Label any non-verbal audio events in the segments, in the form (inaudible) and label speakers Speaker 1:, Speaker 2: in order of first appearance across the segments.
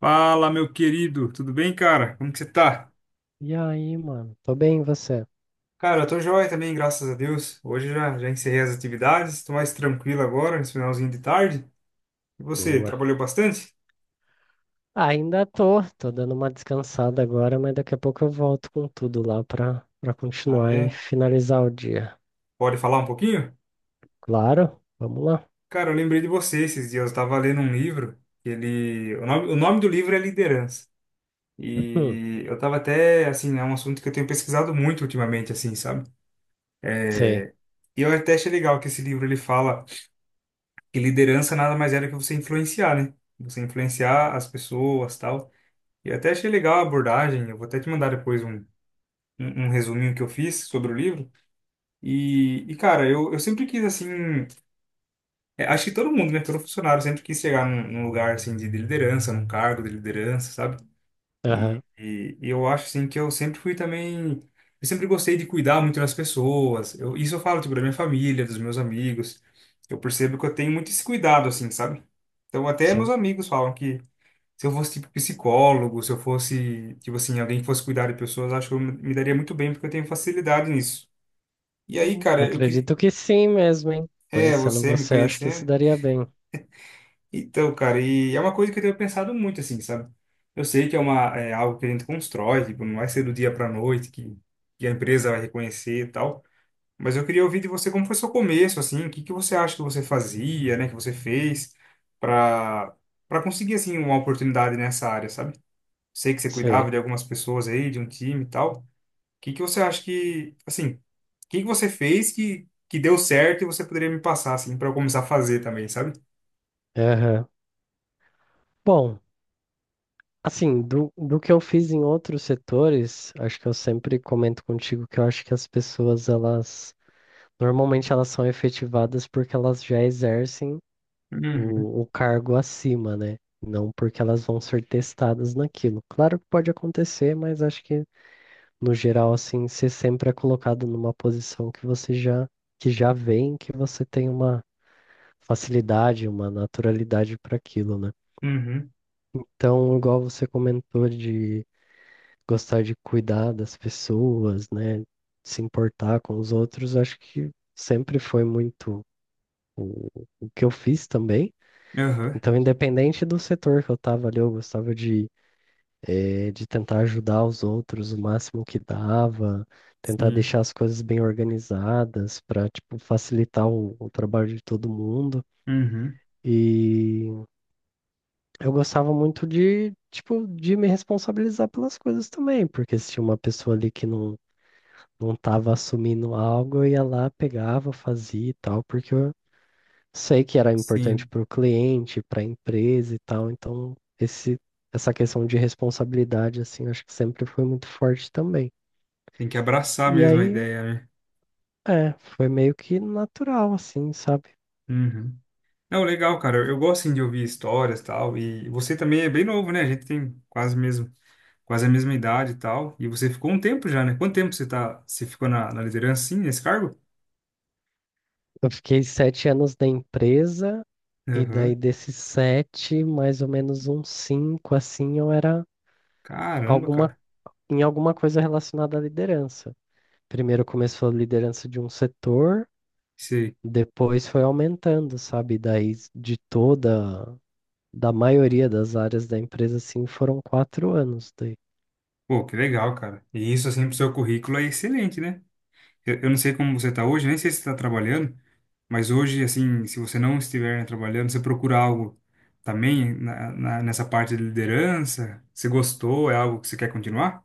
Speaker 1: Fala, meu querido, tudo bem, cara? Como que você tá?
Speaker 2: E aí, mano? Tô bem, e você?
Speaker 1: Cara, eu tô joia também, graças a Deus. Hoje já encerrei as atividades, tô mais tranquilo agora, nesse finalzinho de tarde. E você,
Speaker 2: Boa.
Speaker 1: trabalhou bastante?
Speaker 2: Ainda tô dando uma descansada agora, mas daqui a pouco eu volto com tudo lá pra
Speaker 1: Ah,
Speaker 2: continuar e
Speaker 1: é?
Speaker 2: finalizar o dia.
Speaker 1: Pode falar um pouquinho?
Speaker 2: Claro, vamos lá.
Speaker 1: Cara, eu lembrei de você esses dias, eu tava lendo um livro, ele... O nome do livro é Liderança.
Speaker 2: Hum,
Speaker 1: E eu tava até, assim, é um assunto que eu tenho pesquisado muito ultimamente, assim, sabe?
Speaker 2: sei.
Speaker 1: E eu até achei legal que esse livro, ele fala que liderança nada mais é do que você influenciar, né? Você influenciar as pessoas, tal. E até achei legal a abordagem, eu vou até te mandar depois um resuminho que eu fiz sobre o livro. E cara, eu sempre quis, assim, é, acho que todo mundo, né, todo funcionário sempre quis chegar num lugar, assim, de liderança, num cargo de liderança, sabe?
Speaker 2: Aham,
Speaker 1: E eu acho, assim, que eu sempre fui também, eu sempre gostei de cuidar muito das pessoas. Eu, isso eu falo, tipo, da minha família, dos meus amigos. Eu percebo que eu tenho muito esse cuidado, assim, sabe? Então, até meus
Speaker 2: sim.
Speaker 1: amigos falam que se eu fosse tipo psicólogo, se eu fosse, tipo assim, alguém que fosse cuidar de pessoas, acho que eu me daria muito bem, porque eu tenho facilidade nisso. E aí, cara, eu queria.
Speaker 2: Acredito que sim mesmo, hein?
Speaker 1: É,
Speaker 2: Conhecendo
Speaker 1: você me
Speaker 2: você, acho que se
Speaker 1: conhecendo.
Speaker 2: daria bem.
Speaker 1: Então, cara, e é uma coisa que eu tenho pensado muito, assim, sabe? Eu sei que é uma, é algo que a gente constrói, tipo, não vai ser do dia pra noite que a empresa vai reconhecer e tal. Mas eu queria ouvir de você como foi seu começo, assim, o que que você acha que você fazia, né, que você fez para para conseguir, assim, uma oportunidade nessa área, sabe? Sei que você
Speaker 2: Sei.
Speaker 1: cuidava de algumas pessoas aí, de um time e tal. O que que você acha que, assim, o que que você fez que deu certo e você poderia me passar, assim, para eu começar a fazer também, sabe?
Speaker 2: Aham. Bom, assim, do que eu fiz em outros setores, acho que eu sempre comento contigo que eu acho que as pessoas, elas. Normalmente elas são efetivadas porque elas já exercem
Speaker 1: Uhum,
Speaker 2: o cargo acima, né? Não porque elas vão ser testadas naquilo. Claro que pode acontecer, mas acho que no geral, assim, você sempre é colocado numa posição que você já que já vem, que você tem uma facilidade, uma naturalidade para aquilo, né?
Speaker 1: uhum,
Speaker 2: Então, igual você comentou de gostar de cuidar das pessoas, né? Se importar com os outros, acho que sempre foi muito o, o que eu fiz também.
Speaker 1: uhum,
Speaker 2: Então, independente do setor que eu estava ali, eu gostava de tentar ajudar os outros o máximo que dava, tentar
Speaker 1: sim,
Speaker 2: deixar as coisas bem organizadas para, tipo, facilitar o trabalho de todo mundo.
Speaker 1: uhum,
Speaker 2: E eu gostava muito de, tipo, de me responsabilizar pelas coisas também, porque se tinha uma pessoa ali que não estava assumindo algo, eu ia lá, pegava, fazia e tal, porque eu sei que era importante
Speaker 1: sim.
Speaker 2: para o cliente, para a empresa e tal, então essa questão de responsabilidade, assim, acho que sempre foi muito forte também.
Speaker 1: Tem que abraçar
Speaker 2: E
Speaker 1: mesmo a
Speaker 2: aí,
Speaker 1: ideia, né?
Speaker 2: foi meio que natural, assim, sabe?
Speaker 1: Uhum. Não, legal, cara. Eu gosto, assim, de ouvir histórias e tal. E você também é bem novo, né? A gente tem quase mesmo, quase a mesma idade e tal. E você ficou um tempo já, né? Quanto tempo você tá, você ficou na liderança, assim, nesse cargo?
Speaker 2: Eu fiquei 7 anos na empresa, e daí
Speaker 1: Aham.
Speaker 2: desses 7, mais ou menos uns cinco, assim, eu era
Speaker 1: Caramba,
Speaker 2: alguma,
Speaker 1: cara.
Speaker 2: em alguma coisa relacionada à liderança. Primeiro começou a liderança de um setor,
Speaker 1: Sei.
Speaker 2: depois foi aumentando, sabe? Daí de toda da maioria das áreas da empresa, assim, foram 4 anos daí.
Speaker 1: Pô, que legal, cara. E isso, assim, pro seu currículo é excelente, né? Eu não sei como você tá hoje, nem sei se você tá trabalhando, mas hoje, assim, se você não estiver, né, trabalhando, você procura algo também nessa parte de liderança? Você gostou? É algo que você quer continuar?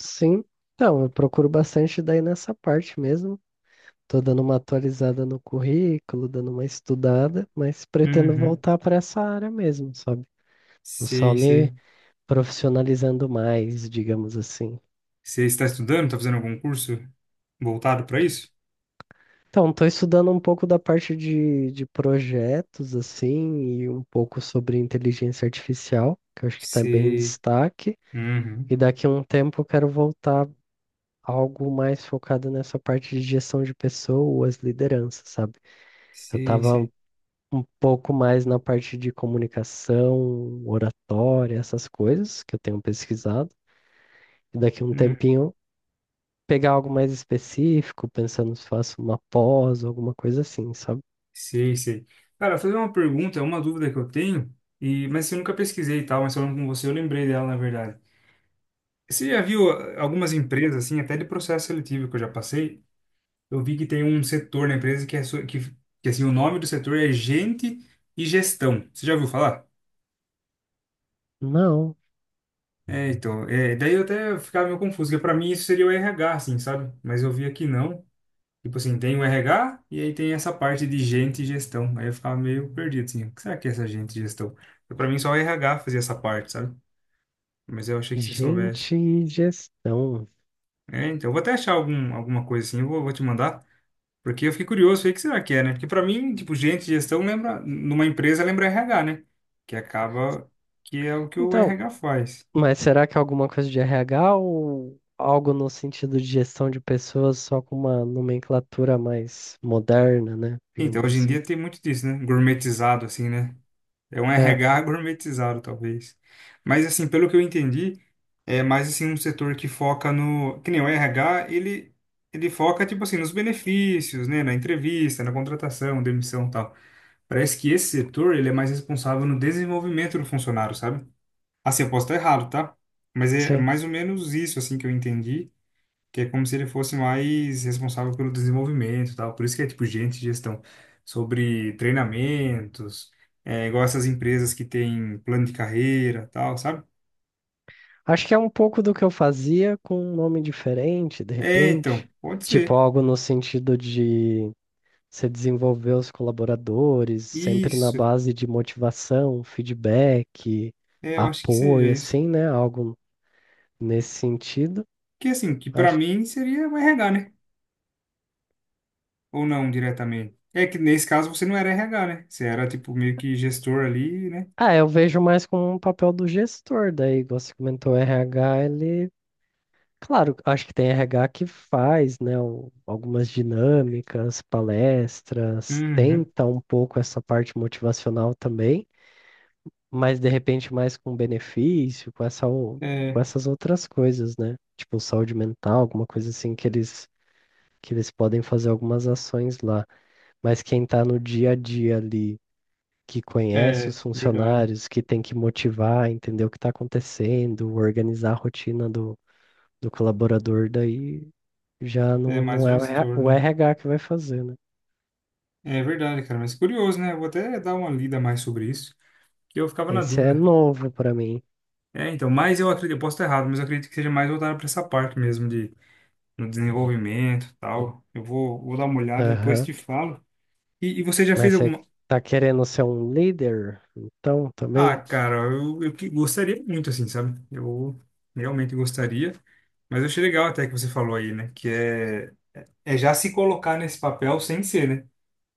Speaker 2: Sim, então, eu procuro bastante daí nessa parte mesmo. Tô dando uma atualizada no currículo, dando uma estudada, mas pretendo
Speaker 1: Uhum.
Speaker 2: voltar para essa área mesmo, sabe? Tô só
Speaker 1: Sei,
Speaker 2: me
Speaker 1: sei.
Speaker 2: profissionalizando mais, digamos assim.
Speaker 1: Você está estudando? Tá fazendo algum curso voltado para isso?
Speaker 2: Então, tô estudando um pouco da parte de projetos, assim, e um pouco sobre inteligência artificial, que eu acho que está bem em
Speaker 1: Sei.
Speaker 2: destaque.
Speaker 1: Uhum.
Speaker 2: E daqui a um tempo eu quero voltar algo mais focado nessa parte de gestão de pessoas, liderança, sabe? Eu
Speaker 1: Sei,
Speaker 2: tava
Speaker 1: sei.
Speaker 2: um pouco mais na parte de comunicação, oratória, essas coisas que eu tenho pesquisado. E daqui a um tempinho pegar algo mais específico, pensando se faço uma pós, alguma coisa assim, sabe?
Speaker 1: Sei, sei. Cara, fazer uma pergunta, é uma dúvida que eu tenho, e mas eu nunca pesquisei e tal, mas falando com você, eu lembrei dela, na verdade. Você já viu ah, algumas empresas, assim, até de processo seletivo que eu já passei, eu vi que tem um setor na empresa que é, que assim, o nome do setor é gente e gestão. Você já ouviu falar?
Speaker 2: Não,
Speaker 1: É, então, é, daí eu até ficava meio confuso, porque pra mim isso seria o RH, assim, sabe? Mas eu vi aqui não. Tipo assim, tem o RH e aí tem essa parte de gente e gestão. Aí eu ficava meio perdido, assim, o que será que é essa gente e gestão? Porque pra mim só o RH fazia essa parte, sabe? Mas eu achei que se soubesse.
Speaker 2: gente, e gestão.
Speaker 1: É, então, eu vou até achar alguma coisa assim, eu vou te mandar, porque eu fiquei curioso, aí, o que será que é, né? Porque pra mim, tipo, gente e gestão lembra, numa empresa lembra RH, né? Que acaba que é o que o
Speaker 2: Então,
Speaker 1: RH faz.
Speaker 2: mas será que é alguma coisa de RH ou algo no sentido de gestão de pessoas só com uma nomenclatura mais moderna, né?
Speaker 1: Então,
Speaker 2: Digamos
Speaker 1: hoje em
Speaker 2: assim.
Speaker 1: dia tem muito disso, né? Gourmetizado, assim, né? É um
Speaker 2: É,
Speaker 1: RH (laughs) gourmetizado, talvez. Mas, assim, pelo que eu entendi, é mais, assim, um setor que foca no... Que nem o RH, ele foca, tipo assim, nos benefícios, né? Na entrevista, na contratação, demissão e tal. Parece que esse setor, ele é mais responsável no desenvolvimento do funcionário, sabe? Assim, eu posso estar errado, tá? Mas é
Speaker 2: sim.
Speaker 1: mais ou menos isso, assim, que eu entendi que é como se ele fosse mais responsável pelo desenvolvimento e tal. Por isso que é tipo gerente de gestão, sobre treinamentos, é, igual essas empresas que têm plano de carreira e tal, sabe?
Speaker 2: Acho que é um pouco do que eu fazia com um nome diferente, de
Speaker 1: É, então,
Speaker 2: repente.
Speaker 1: pode
Speaker 2: Tipo,
Speaker 1: ser.
Speaker 2: algo no sentido de você desenvolver os colaboradores, sempre na
Speaker 1: Isso.
Speaker 2: base de motivação, feedback,
Speaker 1: É, eu acho que seja
Speaker 2: apoio,
Speaker 1: isso.
Speaker 2: assim, né? Algo nesse sentido.
Speaker 1: Que assim, que pra
Speaker 2: Acho.
Speaker 1: mim seria o RH, né? Ou não diretamente. É que nesse caso você não era RH, né? Você era tipo meio que gestor ali, né?
Speaker 2: Ah, eu vejo mais como um papel do gestor, daí, igual você comentou, o RH, ele, claro, acho que tem RH que faz, né, algumas dinâmicas, palestras,
Speaker 1: Uhum.
Speaker 2: tenta um pouco essa parte motivacional também, mas de repente mais com benefício, com
Speaker 1: É,
Speaker 2: essas outras coisas, né? Tipo saúde mental, alguma coisa assim que eles podem fazer algumas ações lá, mas quem tá no dia a dia ali que conhece
Speaker 1: é,
Speaker 2: os
Speaker 1: verdade.
Speaker 2: funcionários, que tem que motivar, entender o que está acontecendo, organizar a rotina do colaborador, daí já
Speaker 1: É
Speaker 2: não,
Speaker 1: mais
Speaker 2: não
Speaker 1: o
Speaker 2: é o RH
Speaker 1: gestor, né?
Speaker 2: o RH que vai fazer, né?
Speaker 1: É verdade, cara, mas curioso, né? Eu vou até dar uma lida mais sobre isso, que eu ficava na
Speaker 2: Esse é
Speaker 1: dúvida.
Speaker 2: novo para mim.
Speaker 1: É, então, mas eu acredito, eu posso estar errado, mas eu acredito que seja mais voltado para essa parte mesmo de no desenvolvimento, e tal. Eu vou dar uma olhada e depois
Speaker 2: Aham.
Speaker 1: te falo. E você já fez
Speaker 2: Mas você
Speaker 1: alguma?
Speaker 2: tá querendo ser um líder? Então,
Speaker 1: Ah,
Speaker 2: também?
Speaker 1: cara, eu gostaria muito assim, sabe? Eu realmente gostaria, mas eu achei legal até que você falou aí, né? Que é já se colocar nesse papel sem ser, né?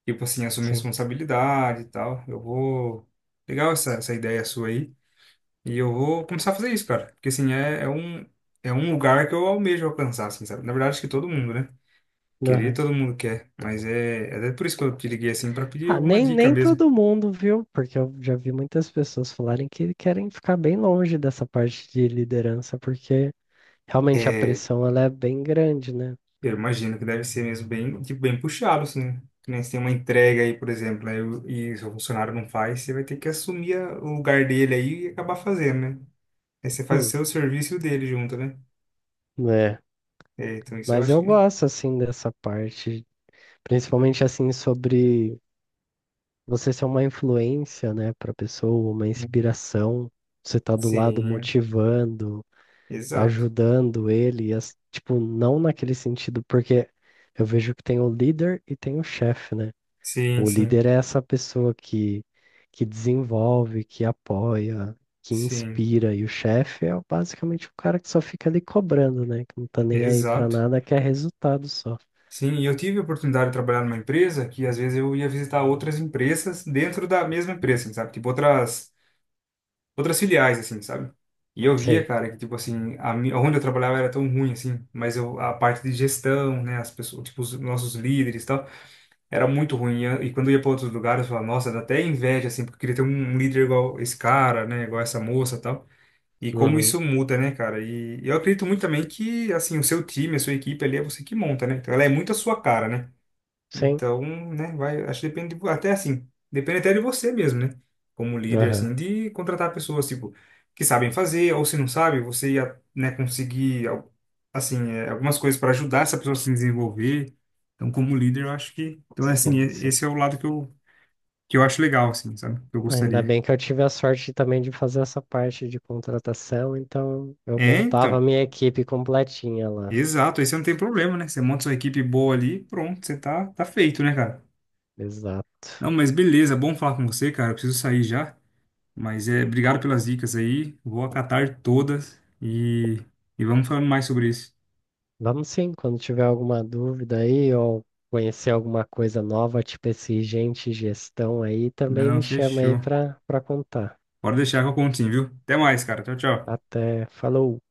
Speaker 1: Tipo assim, assumir
Speaker 2: Sim.
Speaker 1: responsabilidade e tal. Eu vou Legal essa ideia sua aí. E eu vou começar a fazer isso, cara. Porque, assim, é um lugar que eu almejo alcançar, assim, sabe? Na verdade, acho que todo mundo, né? Querer,
Speaker 2: Aham.
Speaker 1: todo mundo quer. Mas é até por isso que eu te liguei, assim, pra pedir
Speaker 2: Ah,
Speaker 1: alguma
Speaker 2: nem,
Speaker 1: dica
Speaker 2: nem
Speaker 1: mesmo.
Speaker 2: todo mundo, viu? Porque eu já vi muitas pessoas falarem que querem ficar bem longe dessa parte de liderança, porque realmente a
Speaker 1: É,
Speaker 2: pressão ela é bem grande, né?
Speaker 1: eu imagino que deve ser mesmo bem, tipo, bem puxado, assim. Né? Que nem se tem uma entrega aí, por exemplo, né? E o seu funcionário não faz, você vai ter que assumir o lugar dele aí e acabar fazendo, né? Aí você faz o seu serviço e o dele junto, né?
Speaker 2: Né?
Speaker 1: É, então isso eu
Speaker 2: Mas
Speaker 1: acho
Speaker 2: eu
Speaker 1: que...
Speaker 2: gosto, assim, dessa parte, principalmente, assim, sobre você ser uma influência, né, para pessoa, uma
Speaker 1: Né?
Speaker 2: inspiração, você tá do lado
Speaker 1: Sim,
Speaker 2: motivando,
Speaker 1: exato.
Speaker 2: ajudando ele, tipo, não naquele sentido, porque eu vejo que tem o líder e tem o chefe, né?
Speaker 1: Sim,
Speaker 2: O
Speaker 1: sim,
Speaker 2: líder é essa pessoa que desenvolve, que apoia, que
Speaker 1: sim,
Speaker 2: inspira, e o chefe é basicamente o cara que só fica ali cobrando, né? Que não tá nem aí pra
Speaker 1: exato.
Speaker 2: nada, quer resultado só.
Speaker 1: Sim, e eu tive a oportunidade de trabalhar numa empresa que às vezes eu ia visitar outras empresas dentro da mesma empresa, assim, sabe? Tipo outras filiais assim, sabe? E eu via,
Speaker 2: Sei.
Speaker 1: cara, que tipo assim, onde eu trabalhava era tão ruim assim, mas eu a parte de gestão, né, as pessoas, tipo os nossos líderes e tal, era muito ruim. E quando eu ia para outros lugares, eu falava, nossa, dá até inveja assim, porque eu queria ter um líder igual esse cara, né, igual essa moça, e tal. E como
Speaker 2: Uhum.
Speaker 1: isso muda, né, cara? E eu acredito muito também que, assim, o seu time, a sua equipe ali é você que monta, né? Então ela é muito a sua cara, né?
Speaker 2: Sim.
Speaker 1: Então, né, vai, acho que depende, até assim, depende até de você mesmo, né? Como líder,
Speaker 2: Aham.
Speaker 1: assim, de contratar pessoas, tipo, que sabem fazer, ou se não sabe, você ia, né, conseguir, assim, é, algumas coisas para ajudar essa pessoa a se desenvolver. Então, como líder, eu acho que, então, é assim,
Speaker 2: Sim, sim.
Speaker 1: esse é o lado que eu acho legal, assim, sabe? Que eu
Speaker 2: Ainda
Speaker 1: gostaria.
Speaker 2: bem que eu tive a sorte também de fazer essa parte de contratação, então eu
Speaker 1: É,
Speaker 2: montava a
Speaker 1: então,
Speaker 2: minha equipe completinha lá.
Speaker 1: exato, aí você não tem problema, né? Você monta sua equipe boa ali, pronto, você tá, tá feito, né, cara?
Speaker 2: Exato.
Speaker 1: Não, mas beleza, bom falar com você, cara, eu preciso sair já. Mas é, obrigado pelas dicas aí. Vou acatar todas e vamos falando mais sobre isso.
Speaker 2: Vamos sim, quando tiver alguma dúvida aí ou conhecer alguma coisa nova, tipo esse gente gestão aí, também
Speaker 1: Não,
Speaker 2: me chama aí
Speaker 1: fechou.
Speaker 2: para contar.
Speaker 1: Pode deixar que eu conto sim, viu? Até mais, cara. Tchau, tchau.
Speaker 2: Até, falou.